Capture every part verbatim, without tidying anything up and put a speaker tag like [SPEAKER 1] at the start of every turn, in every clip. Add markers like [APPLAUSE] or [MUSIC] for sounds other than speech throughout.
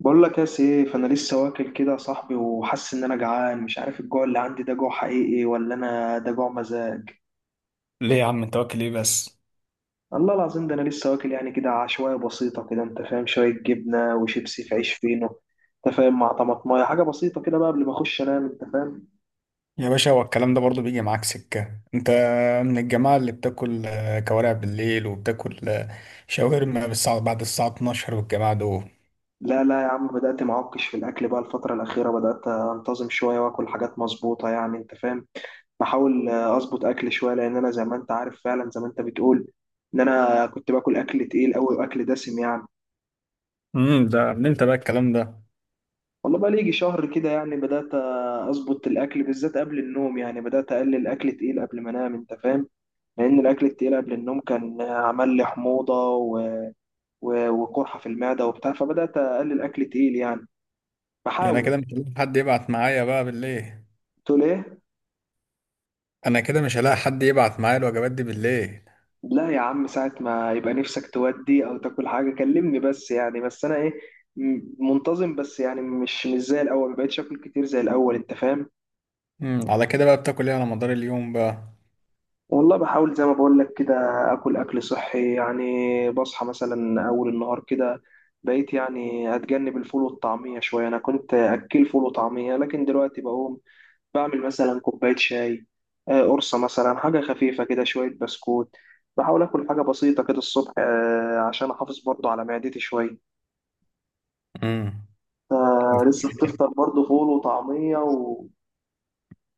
[SPEAKER 1] بقول لك يا سي، فانا لسه واكل كده يا صاحبي، وحاسس ان انا جعان. مش عارف الجوع اللي عندي ده جوع حقيقي ولا انا ده جوع مزاج.
[SPEAKER 2] ليه يا عم انت واكل ايه بس؟
[SPEAKER 1] الله العظيم، ده انا لسه واكل يعني كده، عشوائيه بسيطه كده، انت فاهم، شويه جبنه وشيبسي في عيش فينو. انت فاهم، مع طماطمايه، حاجه بسيطه كده بقى قبل ما اخش انام، انت فاهم.
[SPEAKER 2] يا باشا هو الكلام ده برضه بيجي معاك سكة؟ انت من الجماعة اللي بتاكل آه، كوارع بالليل وبتاكل آه، شاورما بالساعة بعد الساعة اتناشر والجماعة دول.
[SPEAKER 1] لا لا يا عم، بدات معكش في الاكل بقى، الفتره الاخيره بدات انتظم شويه واكل حاجات مظبوطه يعني انت فاهم. بحاول آه، اظبط اكل شويه، لان انا زي ما انت عارف فعلا، زي ما انت بتقول ان انا كنت باكل اكل تقيل قوي واكل دسم يعني.
[SPEAKER 2] امم، ده من انت بقى الكلام ده؟
[SPEAKER 1] والله بقى لي يجي شهر كده، يعني بدأت أظبط الأكل بالذات قبل النوم، يعني بدأت أقلل أكل تقيل قبل ما أنام، أنت فاهم. لأن الأكل التقيل قبل النوم كان عمل لي حموضة و... و... وقرحة في المعدة وبتاع، فبدأت أقلل أكل تقيل يعني،
[SPEAKER 2] يعني انا
[SPEAKER 1] بحاول.
[SPEAKER 2] كده مش هلاقي حد يبعت معايا بقى بالليل.
[SPEAKER 1] تقول إيه؟
[SPEAKER 2] انا كده مش هلاقي حد يبعت معايا الوجبات دي بالليل.
[SPEAKER 1] لا يا عم، ساعة ما يبقى نفسك تودي أو تاكل حاجة كلمني بس، يعني بس أنا إيه، م- منتظم بس، يعني مش مش زي الأول، مبقتش آكل كتير زي الأول، أنت فاهم.
[SPEAKER 2] امم، على كده بقى بتاكل ايه على مدار اليوم بقى؟
[SPEAKER 1] والله بحاول زي ما بقول لك كده، اكل اكل صحي يعني، بصحى مثلا اول النهار كده، بقيت يعني اتجنب الفول والطعميه شويه، انا كنت اكل فول وطعميه، لكن دلوقتي بقوم بعمل مثلا كوبايه شاي، آه، قرصه مثلا، حاجه خفيفه كده، شويه بسكوت. بحاول اكل حاجه بسيطه كده الصبح، آه، عشان احافظ برضو على معدتي شويه.
[SPEAKER 2] امم.
[SPEAKER 1] آه، لسه بتفطر برضو فول وطعميه و-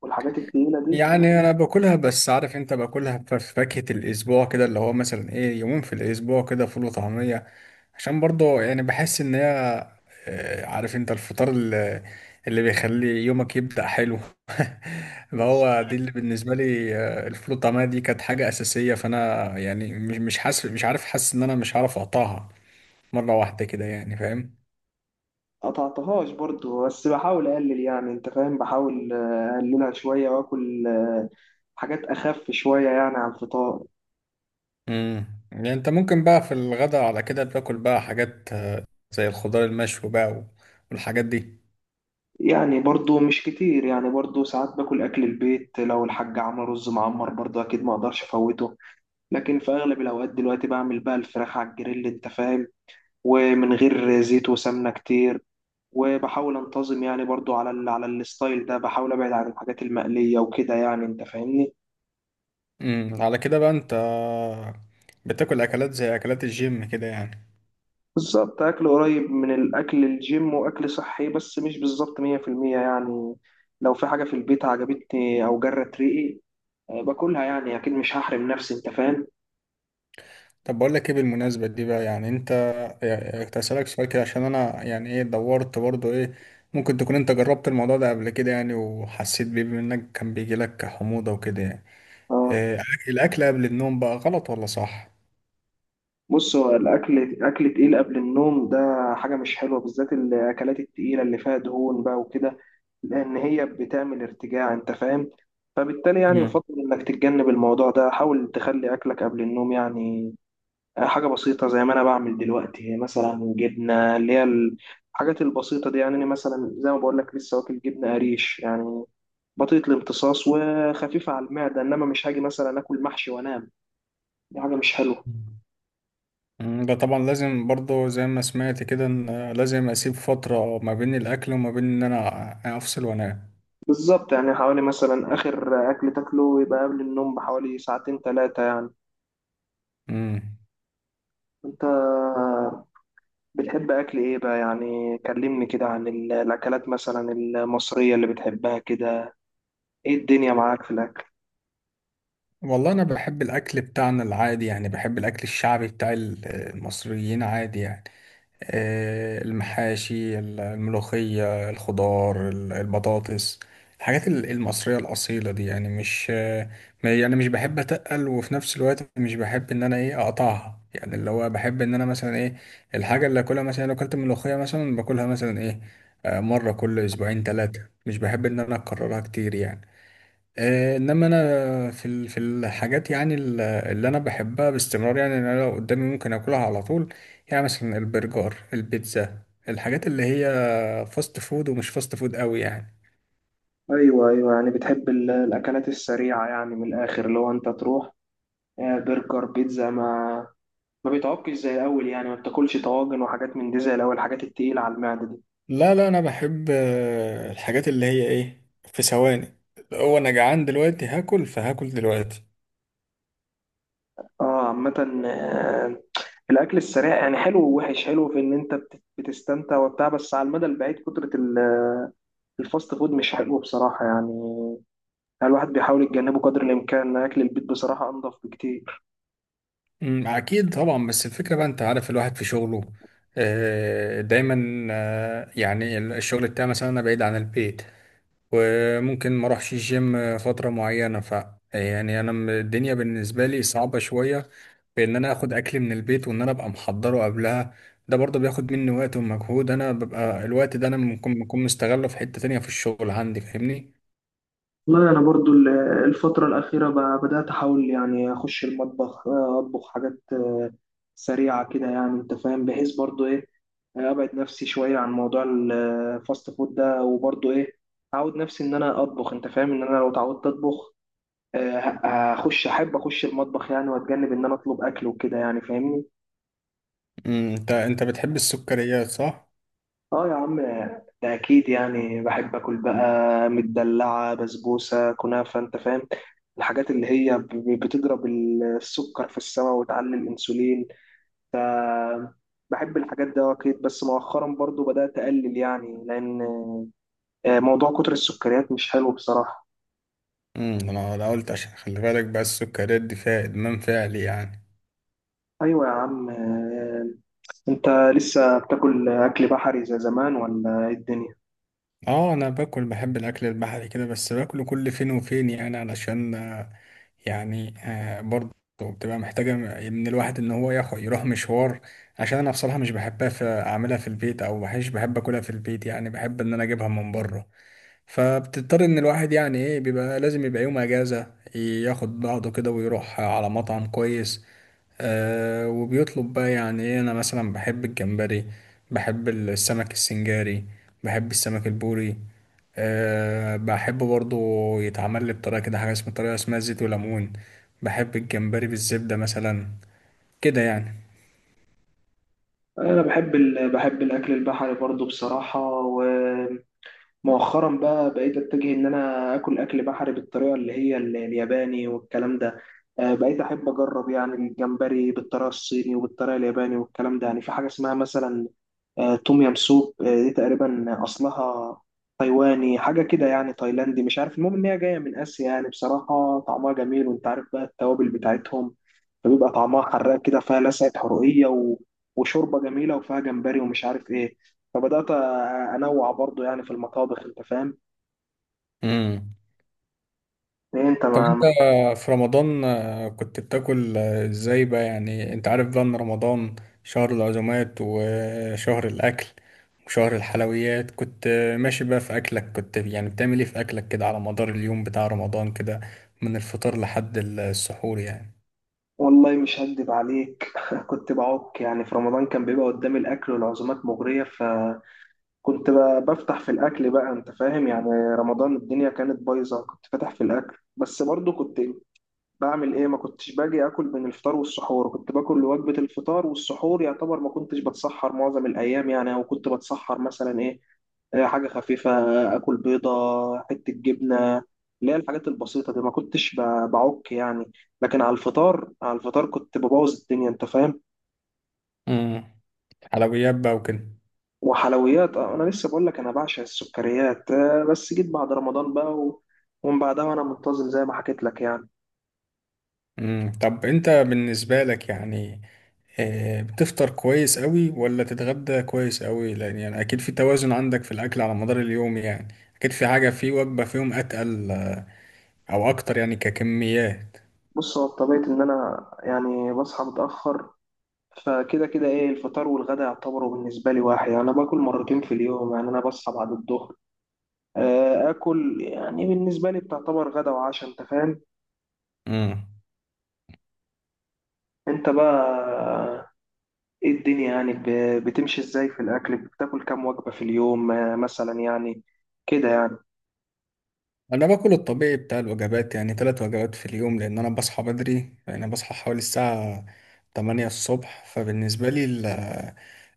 [SPEAKER 1] والحاجات التقيله دي.
[SPEAKER 2] يعني انا باكلها بس عارف، انت باكلها في فاكهة الاسبوع كده، اللي هو مثلا ايه، يومين في الاسبوع كده فول وطعمية، عشان برضه يعني بحس ان هي آه، عارف، انت الفطار اللي, اللي بيخلي يومك يبدأ حلو. [LAUGHS] ما هو دي اللي بالنسبة لي، آه، الفول والطعمية دي كانت حاجة أساسية، فانا يعني مش مش حاسس، مش عارف، حاسس ان انا مش عارف اقطعها مرة واحدة كده يعني، فاهم.
[SPEAKER 1] قطعتهاش برضو، بس بحاول اقلل يعني انت فاهم، بحاول آه، اقللها شويه، واكل آه، حاجات اخف شويه يعني على الفطار.
[SPEAKER 2] امم. يعني انت ممكن بقى في الغداء على كده بتاكل بقى حاجات آه، زي الخضار المشوي بقى والحاجات دي.
[SPEAKER 1] يعني برضو مش كتير، يعني برضو ساعات باكل اكل البيت، لو الحاج عمل رز معمر برضو اكيد ما اقدرش افوته. لكن في اغلب الاوقات دلوقتي بعمل بقى الفراخ على الجريل، انت فاهم، ومن غير زيت وسمنه كتير. وبحاول انتظم يعني برضو على ال على الستايل ده، بحاول ابعد عن الحاجات المقليه وكده يعني، انت فاهمني.
[SPEAKER 2] امم، على كده بقى انت بتاكل اكلات زي اكلات الجيم كده يعني.
[SPEAKER 1] بالظبط، أكل قريب من الأكل الجيم وأكل صحي، بس مش بالظبط مية في المية يعني. لو في حاجة في البيت عجبتني أو جرت ريقي، آه، باكلها يعني، أكيد مش هحرم نفسي، أنت فاهم.
[SPEAKER 2] طب بقول لك ايه، بالمناسبه دي بقى يعني انت، يعني كنت هسألك سؤال كده، عشان انا يعني ايه دورت برضو ايه، ممكن تكون انت جربت الموضوع ده قبل كده يعني وحسيت بيه، بما انك كان بيجي لك حموضه وكده يعني.
[SPEAKER 1] اه،
[SPEAKER 2] إيه الاكل قبل النوم بقى، غلط ولا صح؟
[SPEAKER 1] بص، هو الأكل أكل تقيل قبل النوم ده حاجة مش حلوة، بالذات الأكلات التقيلة اللي فيها دهون بقى وكده، لأن هي بتعمل ارتجاع، أنت فاهم. فبالتالي يعني
[SPEAKER 2] امم.
[SPEAKER 1] يفضل إنك تتجنب الموضوع ده، حاول تخلي أكلك قبل النوم يعني، حاجة بسيطة زي ما أنا بعمل دلوقتي، مثلا جبنة، اللي هي الحاجات البسيطة دي يعني. أنا مثلا زي ما بقول لك لسه واكل جبنة قريش يعني، بطيئة الامتصاص وخفيفة على المعدة، إنما مش هاجي مثلا آكل محشي وأنام، دي حاجة مش حلوة.
[SPEAKER 2] مم، ده طبعا لازم، برضو زي ما سمعت كده ان لازم اسيب فتره ما بين الاكل وما بين ان انا افصل وانام.
[SPEAKER 1] بالظبط، يعني حوالي مثلا آخر أكل تاكله يبقى قبل النوم بحوالي ساعتين ثلاثة يعني.
[SPEAKER 2] امم.
[SPEAKER 1] أنت بتحب أكل إيه بقى؟ يعني كلمني كده عن ال- الأكلات مثلا المصرية اللي بتحبها كده، إيه الدنيا معاك في الأكل؟
[SPEAKER 2] والله انا بحب الاكل بتاعنا العادي يعني، بحب الاكل الشعبي بتاع ال- المصريين عادي يعني. آه، المحاشي، ال- الملوخية، الخضار، ال- البطاطس، الحاجات ال- المصرية الأصيلة دي يعني. مش آه، ما- يعني مش بحب أتقل، وفي نفس الوقت مش بحب إن أنا إيه أقطعها يعني، اللي هو بحب إن أنا مثلا إيه، الحاجة اللي أكلها، مثلا لو أكلت ملوخية مثلا باكلها مثلا إيه، آه، مرة كل أسبوعين ثلاثة، مش بحب إن أنا أكررها كتير يعني. آه، انما انا في ال- في الحاجات يعني ال- اللي انا بحبها باستمرار يعني، إن انا لو قدامي ممكن اكلها على طول، يعني مثلا البرجر، البيتزا، الحاجات اللي هي فاست فود ومش فاست فود قوي يعني.
[SPEAKER 1] ايوه، ايوه، يعني بتحب ال- الاكلات السريعه، يعني من الاخر، اللي هو انت تروح آه، برجر بيتزا، ما ما بيتعبكش زي الاول، يعني ما بتاكلش طواجن وحاجات من دي زي الاول، الحاجات التقيله على المعده دي.
[SPEAKER 2] لا لا، انا بحب آه، الحاجات اللي هي ايه، في ثواني، هو انا جعان دلوقتي هاكل فهاكل دلوقتي.
[SPEAKER 1] اه، عامه، آه، الاكل السريع يعني حلو ووحش، حلو في ان انت بت- بتستمتع وبتاع، بس على المدى البعيد كتره ال- الفاست فود مش حلو بصراحه يعني. يعني الواحد بيحاول يتجنبه قدر الامكان، اكل البيت بصراحه انضف بكتير.
[SPEAKER 2] أمم، اكيد طبعا، بس الفكرة بقى انت عارف، الواحد في شغله آه، دايما آه، يعني الشغل بتاعي مثلا انا بعيد عن البيت، وممكن ما اروحش الجيم فترة معينة، ف يعني انا م- الدنيا بالنسبة لي صعبة شوية، بان انا اخد اكل من البيت وان انا ابقى محضره قبلها. ده برضه بياخد مني وقت ومجهود، انا ببقى الوقت ده انا ممكن بكون مستغله في حتة تانية في الشغل عندي، فاهمني.
[SPEAKER 1] والله أنا برضو ال- الفترة الأخيرة ب- بدأت أحاول يعني أخش المطبخ، آه، أطبخ حاجات آه، سريعة كده يعني أنت فاهم، بحيث برضو إيه، آه، أبعد نفسي شوية عن موضوع الفاست فود ده، وبرضو إيه، أعود نفسي إن أنا أطبخ، أنت فاهم، إن أنا لو اتعودت أطبخ، آه، ه- هخش أحب أخش المطبخ يعني، وأتجنب إن أنا أطلب أكل وكده يعني، فاهمني.
[SPEAKER 2] امم. انت انت بتحب السكريات صح؟
[SPEAKER 1] اه يا عم، ده اكيد، يعني بحب اكل بقى مدلعه، بسبوسه، كنافه، انت فاهم، الحاجات اللي هي ب- ب- بتضرب السكر في السماء وتعلي الانسولين. ف بحب الحاجات دي آه، اكيد، بس مؤخرا برضو بدات اقلل يعني، لان آه، موضوع كتر السكريات مش حلو بصراحه.
[SPEAKER 2] امم. انا أنا قلت عشان خلي بالك بقى، السكريات دي فيها ادمان فعلي يعني.
[SPEAKER 1] ايوه يا عم، آه، انت لسه بتاكل اكل بحري زي زمان ولا ايه الدنيا؟
[SPEAKER 2] اه انا باكل، بحب الاكل البحري كده، بس باكله كل فين وفين يعني، علشان يعني آه، برضه بتبقى محتاجة من الواحد إن هو ياخد يروح مشوار، عشان أنا بصراحة مش بحبها في، أعملها في البيت أو مش بحب أكلها في البيت يعني، بحب إن أنا أجيبها من بره، فبتضطر إن الواحد يعني إيه، بيبقى لازم يبقى يوم أجازة، ياخد بعضه كده ويروح على مطعم كويس. آه، وبيطلب بقى يعني ايه، انا مثلا بحب الجمبري، بحب السمك السنجاري، بحب السمك البوري. أه بحب برضو يتعمل لي بطريقة كده، حاجة اسمها طريقة اسمها زيت وليمون، بحب الجمبري بالزبدة مثلا، كده يعني.
[SPEAKER 1] انا بحب ال... بحب الاكل البحري برضو بصراحه. مؤخرا بقى بقيت اتجه ان انا اكل اكل بحري بالطريقه اللي هي ال- الياباني والكلام ده، آه، بقيت احب اجرب يعني الجمبري بالطريقه الصيني وبالطريقه الياباني والكلام ده، يعني في حاجه اسمها مثلا آه، توم يام سوب. آه، دي تقريبا اصلها تايواني، حاجه كده، يعني تايلاندي، مش عارف، المهم ان هي جايه من اسيا يعني، بصراحه طعمها جميل، وانت عارف بقى التوابل بتاعتهم، فبيبقى طعمها حراق كده، فيها لسعة حرقية و... وشوربة جميلة، وفيها جمبري ومش عارف ايه. فبدأت أ- أنوع برضو يعني في المطابخ، أنت فاهم.
[SPEAKER 2] مم.
[SPEAKER 1] إيه أنت.
[SPEAKER 2] طب
[SPEAKER 1] ما
[SPEAKER 2] انت
[SPEAKER 1] ما-
[SPEAKER 2] في رمضان آه، كنت بتاكل آه، ازاي بقى؟ يعني انت عارف بقى ان رمضان شهر العزومات وشهر الاكل وشهر الحلويات، كنت آه، ماشي بقى في اكلك؟ كنت يعني بتعمل ايه في اكلك كده على مدار اليوم بتاع رمضان كده، من الفطار لحد السحور يعني.
[SPEAKER 1] والله مش هكدب عليك [LAUGHS] كنت بعك يعني، في رمضان كان بيبقى قدامي الأكل والعزومات مغرية، فكنت ب- بفتح في الأكل بقى، أنت فاهم يعني، رمضان الدنيا كانت بايظة، كنت فاتح في الأكل، بس برضو كنت بعمل ايه، ما كنتش باجي اكل من الفطار والسحور، كنت باكل وجبة الفطار، والسحور يعتبر ما كنتش بتسحر معظم الايام يعني، او كنت بتسحر مثلا ايه، آه، حاجة خفيفة، اكل بيضة، حتة جبنة، اللي هي الحاجات البسيطة دي، ما كنتش ب- بعك يعني. لكن على الفطار على الفطار كنت ببوظ الدنيا، انت فاهم.
[SPEAKER 2] امم. حلويات بقى وكده.
[SPEAKER 1] وحلويات، آه، انا لسه بقول لك انا بعشق السكريات، آه، بس جيت بعد رمضان بقى و... ومن بعدها وانا منتظم زي ما حكيت لك يعني.
[SPEAKER 2] امم. طب انت بالنسبة لك يعني آه، بتفطر كويس قوي ولا تتغدى كويس قوي؟ لان يعني اكيد في توازن عندك في الاكل على مدار اليوم يعني، اكيد في حاجة في وجبة فيهم اتقل آه، او اكتر يعني ككميات.
[SPEAKER 1] بص، هو بطبيعة ان انا يعني بصحى متأخر، فكده كده، ايه، الفطار والغدا يعتبروا بالنسبه لي واحد يعني، انا باكل مرتين في اليوم يعني، انا بصحى بعد الظهر، آه، اكل يعني بالنسبه لي بتعتبر غدا وعشاء، انت فاهم.
[SPEAKER 2] امم.
[SPEAKER 1] انت بقى، ايه الدنيا يعني ب- بتمشي ازاي في الاكل؟ بتاكل كام وجبه في اليوم آه، مثلا يعني، كده يعني.
[SPEAKER 2] انا باكل الطبيعي بتاع الوجبات، يعني ثلاث وجبات في اليوم، لان انا بصحى بدري، يعني بصحى حوالي الساعة تمانية الصبح، فبالنسبة لي ال-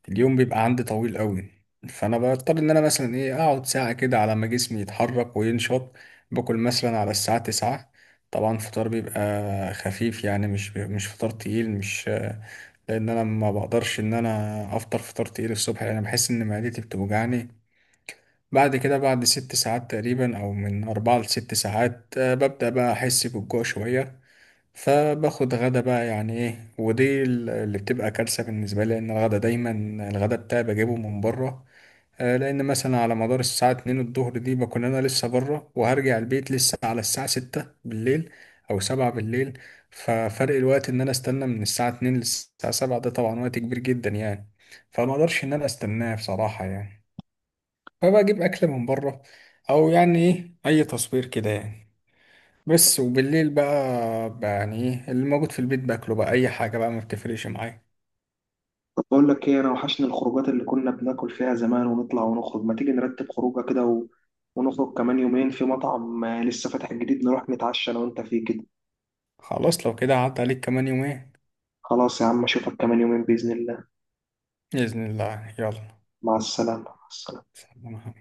[SPEAKER 2] اليوم بيبقى عندي طويل قوي، فانا بضطر ان انا مثلا ايه اقعد ساعة كده على ما جسمي يتحرك وينشط، باكل مثلا على الساعة تسعة. طبعا فطار بيبقى خفيف يعني، مش مش فطار تقيل، مش، لان انا ما بقدرش ان انا افطر فطار تقيل الصبح، لان بحس ان معدتي بتوجعني. بعد كده بعد ست ساعات تقريبا، أو من أربعة لست ساعات، آه، ببدأ بقى أحس بالجوع شوية، فباخد غدا بقى يعني إيه، ودي ال- اللي بتبقى كارثة بالنسبة لي، لأن الغدا دايما، الغدا بتاعي بجيبه من بره. آه، لأن مثلا على مدار الساعة اتنين الظهر دي بكون أنا لسه بره، وهرجع البيت لسه على الساعة ستة بالليل أو سبعة بالليل، ففرق الوقت إن أنا استنى من الساعة اتنين للساعة سبعة، ده طبعا وقت كبير جدا يعني، فما أقدرش إن أنا أستناه بصراحة يعني، فبقى اجيب اكل من بره او يعني ايه اي تصوير كده يعني. بس وبالليل بقى, بقى يعني ايه، اللي موجود في البيت باكله بقى، اي حاجه بقى ما بتفرقش معايا.
[SPEAKER 1] طب بقول لك ايه، انا وحشني الخروجات اللي كنا بناكل فيها زمان ونطلع ونخرج، ما تيجي نرتب خروجه كده و... ونخرج كمان يومين في مطعم آه، لسه فاتح جديد، نروح نتعشى انا وانت فيه كده.
[SPEAKER 2] خلاص لو كده، عدى عليك كمان يومين
[SPEAKER 1] خلاص يا عم، اشوفك كمان يومين باذن الله.
[SPEAKER 2] باذن الله، يلا.
[SPEAKER 1] مع السلامة، مع السلامة.
[SPEAKER 2] سلام.